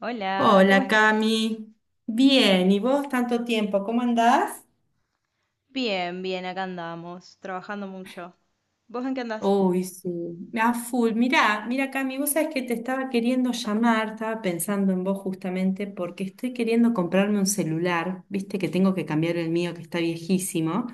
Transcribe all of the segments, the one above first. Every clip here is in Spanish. Hola, ¿cómo Hola estás? Cami, bien, ¿y vos tanto tiempo? ¿Cómo andás? Bien, bien, acá andamos, trabajando mucho. ¿Vos en qué andás? Uy, sí, a full. Mira Cami, vos sabés que te estaba queriendo llamar, estaba pensando en vos justamente porque estoy queriendo comprarme un celular, viste que tengo que cambiar el mío que está viejísimo.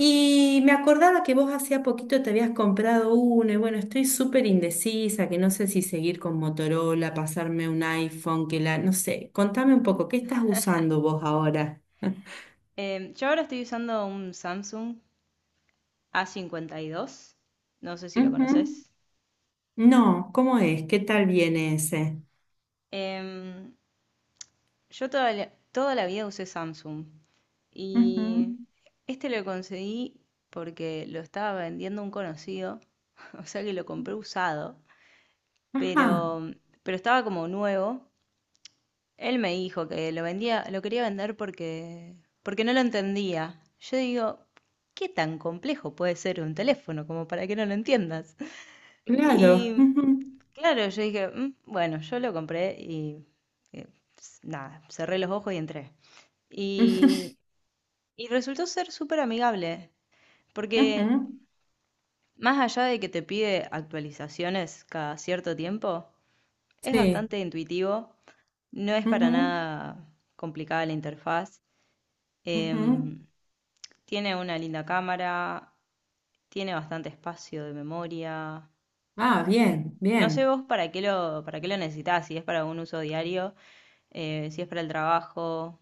Y me acordaba que vos hacía poquito te habías comprado uno y bueno, estoy súper indecisa, que no sé si seguir con Motorola, pasarme un iPhone, que la, no sé, contame un poco, ¿qué estás usando vos ahora? Yo ahora estoy usando un Samsung A52, no sé si lo Ujú. conoces. No, ¿cómo es? ¿Qué tal viene ese? Em, yo toda la vida usé Samsung y Ujú. este lo conseguí porque lo estaba vendiendo un conocido, o sea que lo compré usado, Ajá, pero, pero estaba como nuevo. Él me dijo que lo vendía, lo quería vender porque, porque no lo entendía. Yo digo, ¿qué tan complejo puede ser un teléfono como para que no lo entiendas? claro. Y Ujú, claro, yo dije, "Mm, bueno, yo lo compré y eh, nada, cerré los ojos y entré. ujú, Y, y resultó ser súper amigable, porque ujú, más allá de que te pide actualizaciones cada cierto tiempo, es sí. bastante intuitivo, no es para Ujú, nada complicada la interfaz. ujú. Em, Tiene una linda cámara, tiene bastante espacio de memoria. Ah, eh, bien, no sé bien. vos para qué lo necesitás, si es para un uso diario, si es para el trabajo.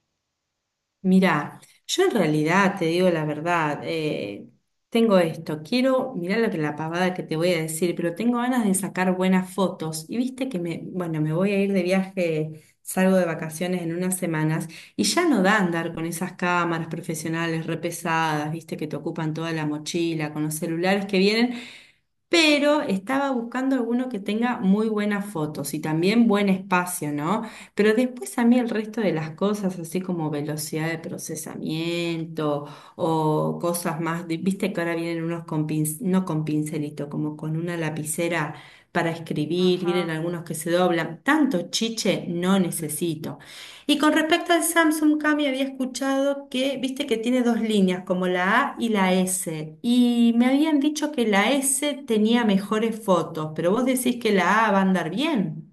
Mira, yo en realidad te digo la verdad, tengo esto, quiero, mirá lo que la pavada que te voy a decir, pero tengo ganas de sacar buenas fotos. Y viste que me, bueno, me voy a ir de viaje, salgo de vacaciones en unas semanas y ya no da andar con esas cámaras profesionales re pesadas, viste, que te ocupan toda la mochila, con los celulares que vienen pero estaba buscando alguno que tenga muy buenas fotos y también buen espacio, ¿no? Pero después a mí el resto de las cosas, así como velocidad de procesamiento o cosas más, viste que ahora vienen unos con no con pincelito, como con una lapicera para escribir, vienen Ajá. algunos que se doblan, tanto chiche no necesito. Y con respecto al Samsung Cami, había escuchado que, viste que tiene dos líneas, como la A y la S. Y me habían dicho que la S tenía mejores fotos, pero vos decís que la A va a andar bien.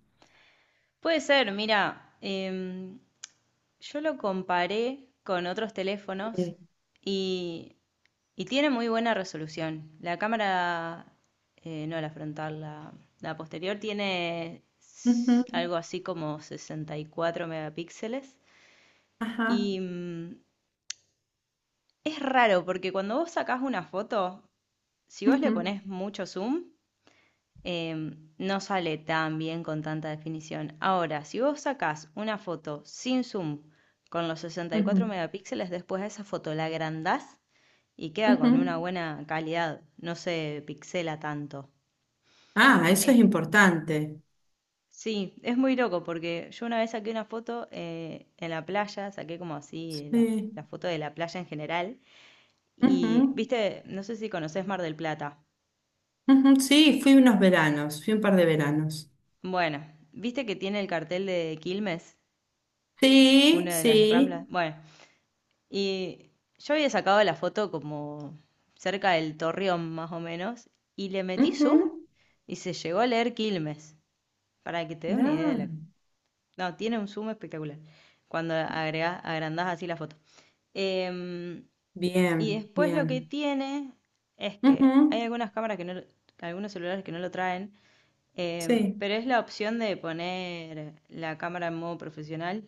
Puede ser, mira, yo lo comparé con otros teléfonos Sí. y, y tiene muy buena resolución. La cámara, no la frontal, la posterior tiene s- Ujú, algo así como 64 megapíxeles. ajá. Y mm, es raro porque cuando vos sacás una foto, si vos le Ujú, ponés mucho zoom, no sale tan bien con tanta definición. Ahora, si vos sacás una foto sin zoom con los 64 ujú, megapíxeles, después a esa foto la agrandás y queda ujú. con una buena calidad, no se pixela tanto. Ah, eso Eh, es importante. sí, es muy loco porque yo una vez saqué una foto en la playa, saqué como así la, la Sí. foto de la playa en general. Y, Ujú, viste, no sé si conoces Mar del Plata. ujú, sí, fui unos veranos, fui un par de veranos. Bueno, viste que tiene el cartel de Quilmes, Sí, una de las ramblas. sí. Bueno, y yo había sacado la foto como cerca del Torreón, más o menos, y le metí zoom Ujú. y se llegó a leer Quilmes. Para que te des una idea de la. Ah, No, tiene un zoom espectacular cuando agrandás así la foto. Em, y bien, después lo que bien. tiene es que hay Ujú. algunas cámaras que no, algunos celulares que no lo traen. Sí. Pero es la opción de poner la cámara en modo profesional.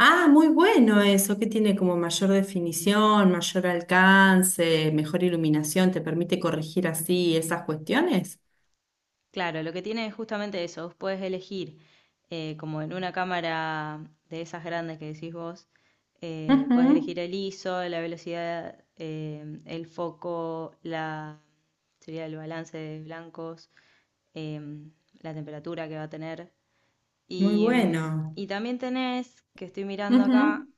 Ah, muy bueno eso, que tiene como mayor definición, mayor alcance, mejor iluminación, te permite corregir así esas cuestiones. Claro, lo que tiene es justamente eso. Vos podés elegir, como en una cámara de esas grandes que decís vos, podés Ujú, elegir el ISO, la velocidad, el foco, la, sería el balance de blancos, em, la temperatura que va a tener. muy Y, em, bueno. y también tenés, que estoy mirando acá, Ujú,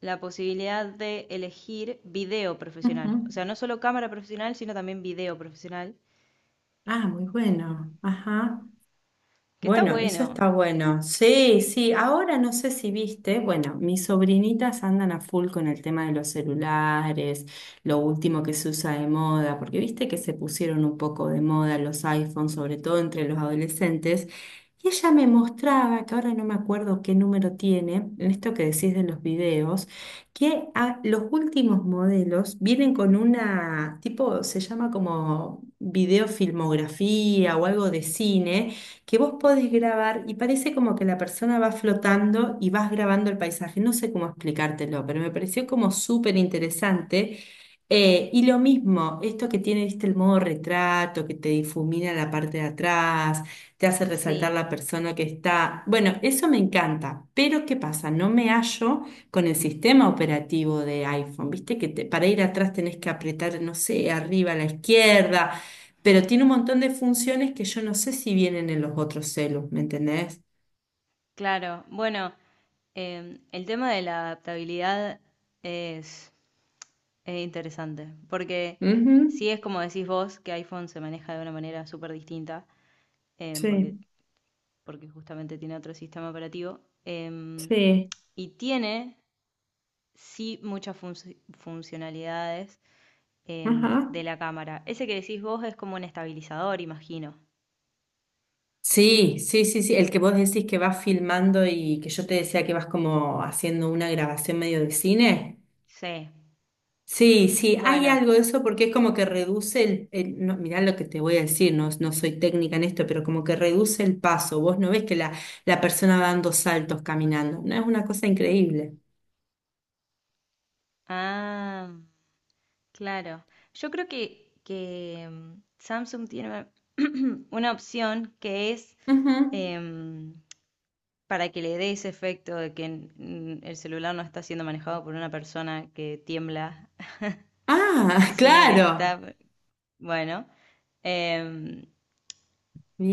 la posibilidad de elegir video profesional. O ujú. sea, no solo cámara profesional, sino también video profesional, Ah, muy bueno. Ajá. que está Bueno, eso está bueno. bueno. Sí, sí. Ahora no sé si viste, bueno, mis sobrinitas andan a full con el tema de los celulares, lo último que se usa de moda, porque viste que se pusieron un poco de moda los iPhones, sobre todo entre los adolescentes. Y ella me mostraba, que ahora no me acuerdo qué número tiene, en esto que decís de los videos, que los últimos modelos vienen con una, tipo, se llama como videofilmografía o algo de cine que vos podés grabar y parece como que la persona va flotando y vas grabando el paisaje. No sé cómo explicártelo, pero me pareció como súper interesante. Y lo mismo, esto que tiene, viste, el modo retrato, que te difumina la parte de atrás, te hace resaltar Sí, la persona que está. Bueno, eso me encanta, pero ¿qué pasa? No me hallo con el sistema operativo de iPhone, viste, que para ir atrás tenés que apretar, no sé, arriba a la izquierda pero tiene un montón de funciones que yo no sé si vienen en los otros celos, ¿me entendés? claro. Bueno, el tema de la adaptabilidad es, es interesante, porque sí Ujú, es como decís vos, que iPhone se maneja de una manera súper distinta, porque, sí, porque justamente tiene otro sistema operativo, sí, y tiene sí muchas funcionalidades ajá. de la cámara. Ese que decís vos es como un estabilizador, imagino. Sí, sí, sí, sí, el que vos decís que vas filmando y que yo te decía que vas como haciendo una grabación medio de cine. Sí. Sí, sí, hay Bueno. algo de eso porque es como que reduce no, mirá lo que te voy a decir, no, no soy técnica en esto, pero como que reduce el paso. Vos no ves que la persona va dando saltos caminando, no es una cosa increíble. Ah, claro. Yo creo que Samsung tiene una opción que es Ujú. em, para que le dé ese efecto de que mm, el celular no está siendo manejado por una persona que tiembla, Ah, sino que claro. está, bueno. em,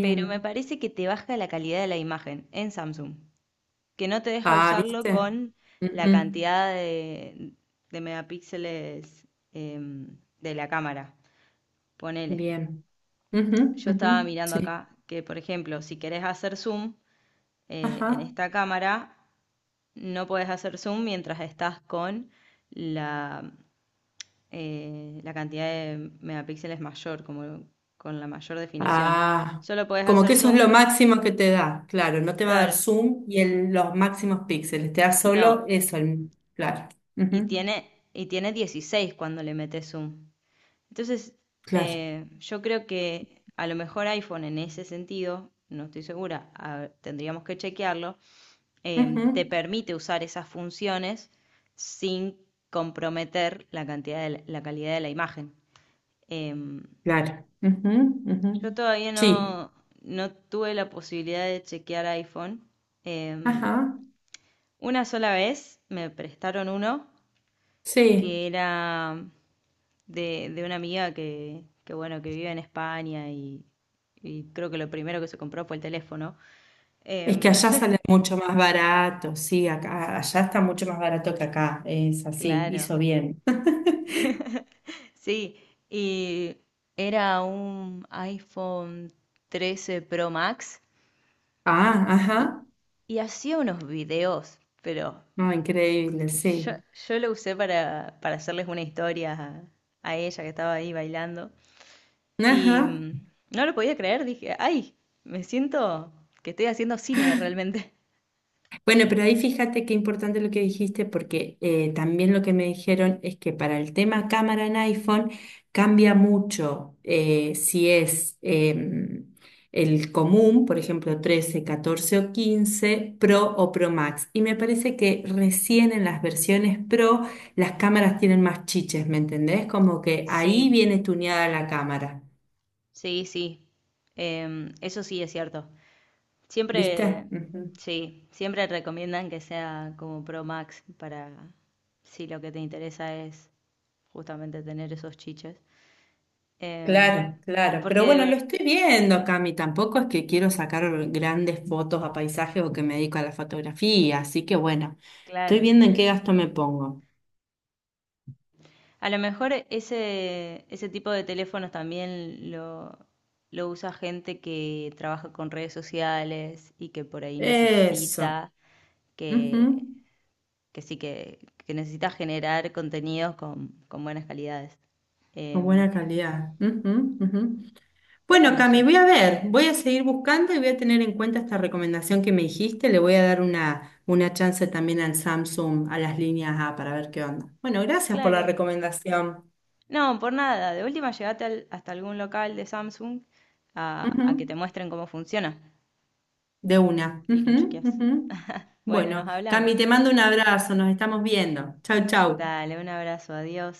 pero me parece que te baja la calidad de la imagen en Samsung, que no te deja Ah, usarlo ¿viste? con la Ujú, cantidad de megapíxeles de la cámara. Ponele, bien. Ujú, yo estaba ujú, mirando sí. acá que, por ejemplo, si querés hacer zoom en Ajá. esta cámara, no podés hacer zoom mientras estás con la, la cantidad de megapíxeles mayor, como con la mayor definición. Ah, Solo podés como que hacer eso es zoom, lo máximo que te da. Claro, no te va a dar claro, zoom y los máximos píxeles. Te da no. solo eso. Claro. Ujú, Y tiene 16 cuando le metes zoom. Entonces, claro. Yo creo que a lo mejor iPhone en ese sentido, no estoy segura, tendríamos que chequearlo, te Ujú, permite usar esas funciones sin comprometer la cantidad de la, la calidad de la imagen. Em, claro. Ujú, ujú. yo todavía Sí. no, no tuve la posibilidad de chequear iPhone. Em, Ajá. una sola vez me prestaron uno Sí. que era de una amiga que, bueno, que vive en España y creo que lo primero que se compró fue el teléfono. Es que Em, allá sale mucho más barato. Sí, acá, allá está mucho más barato que acá. Es así. claro, Hizo bien. sí, y era un iPhone trece Pro Max Ah, y, ajá. y hacía unos videos, pero No, increíble, yo, sí. yo lo usé para hacerles una historia a ella que estaba ahí bailando y Ajá. mm, no lo podía creer, dije, ay, me siento que estoy haciendo cine realmente. Bueno, pero ahí fíjate qué importante lo que dijiste, porque también lo que me dijeron es que para el tema cámara en iPhone cambia mucho, si es el común, por ejemplo, 13, 14 o 15 Pro o Pro Max. Y me parece que recién en las versiones Pro las cámaras tienen más chiches, ¿me entendés? Como que ahí Sí, viene tuneada la cámara, sí, sí. Eso sí es cierto. ¿viste? Siempre, sí, siempre recomiendan que sea como Pro Max para si lo que te interesa es justamente tener esos chiches. Em, Claro, claro. porque, Pero de bueno, lo ver- estoy viendo, Cami. Tampoco es que quiero sacar grandes fotos a paisajes o que me dedico a la fotografía. Así que bueno, estoy claro, viendo en qué gasto me pongo. a lo mejor ese, ese tipo de teléfonos también lo usa gente que trabaja con redes sociales y que por ahí Eso. necesita que Ujú. que sí que necesitas generar contenidos con buenas calidades. Con buena Em, calidad. Ujú, ujú. pero Bueno, no Cami, sé, voy a ver. Voy a seguir buscando y voy a tener en cuenta esta recomendación que me dijiste. Le voy a dar una chance también al Samsung, a las líneas A, para ver qué onda. Bueno, gracias por la claro. recomendación. No, por nada. De última, llegate hasta algún local de Samsung a que te Ujú. muestren cómo funciona De una. y lo Ujú, chequeas. ujú. Bueno, Bueno, nos hablamos. Cami, te mando un abrazo, nos estamos viendo. Chau, chau. Dale, un abrazo, adiós.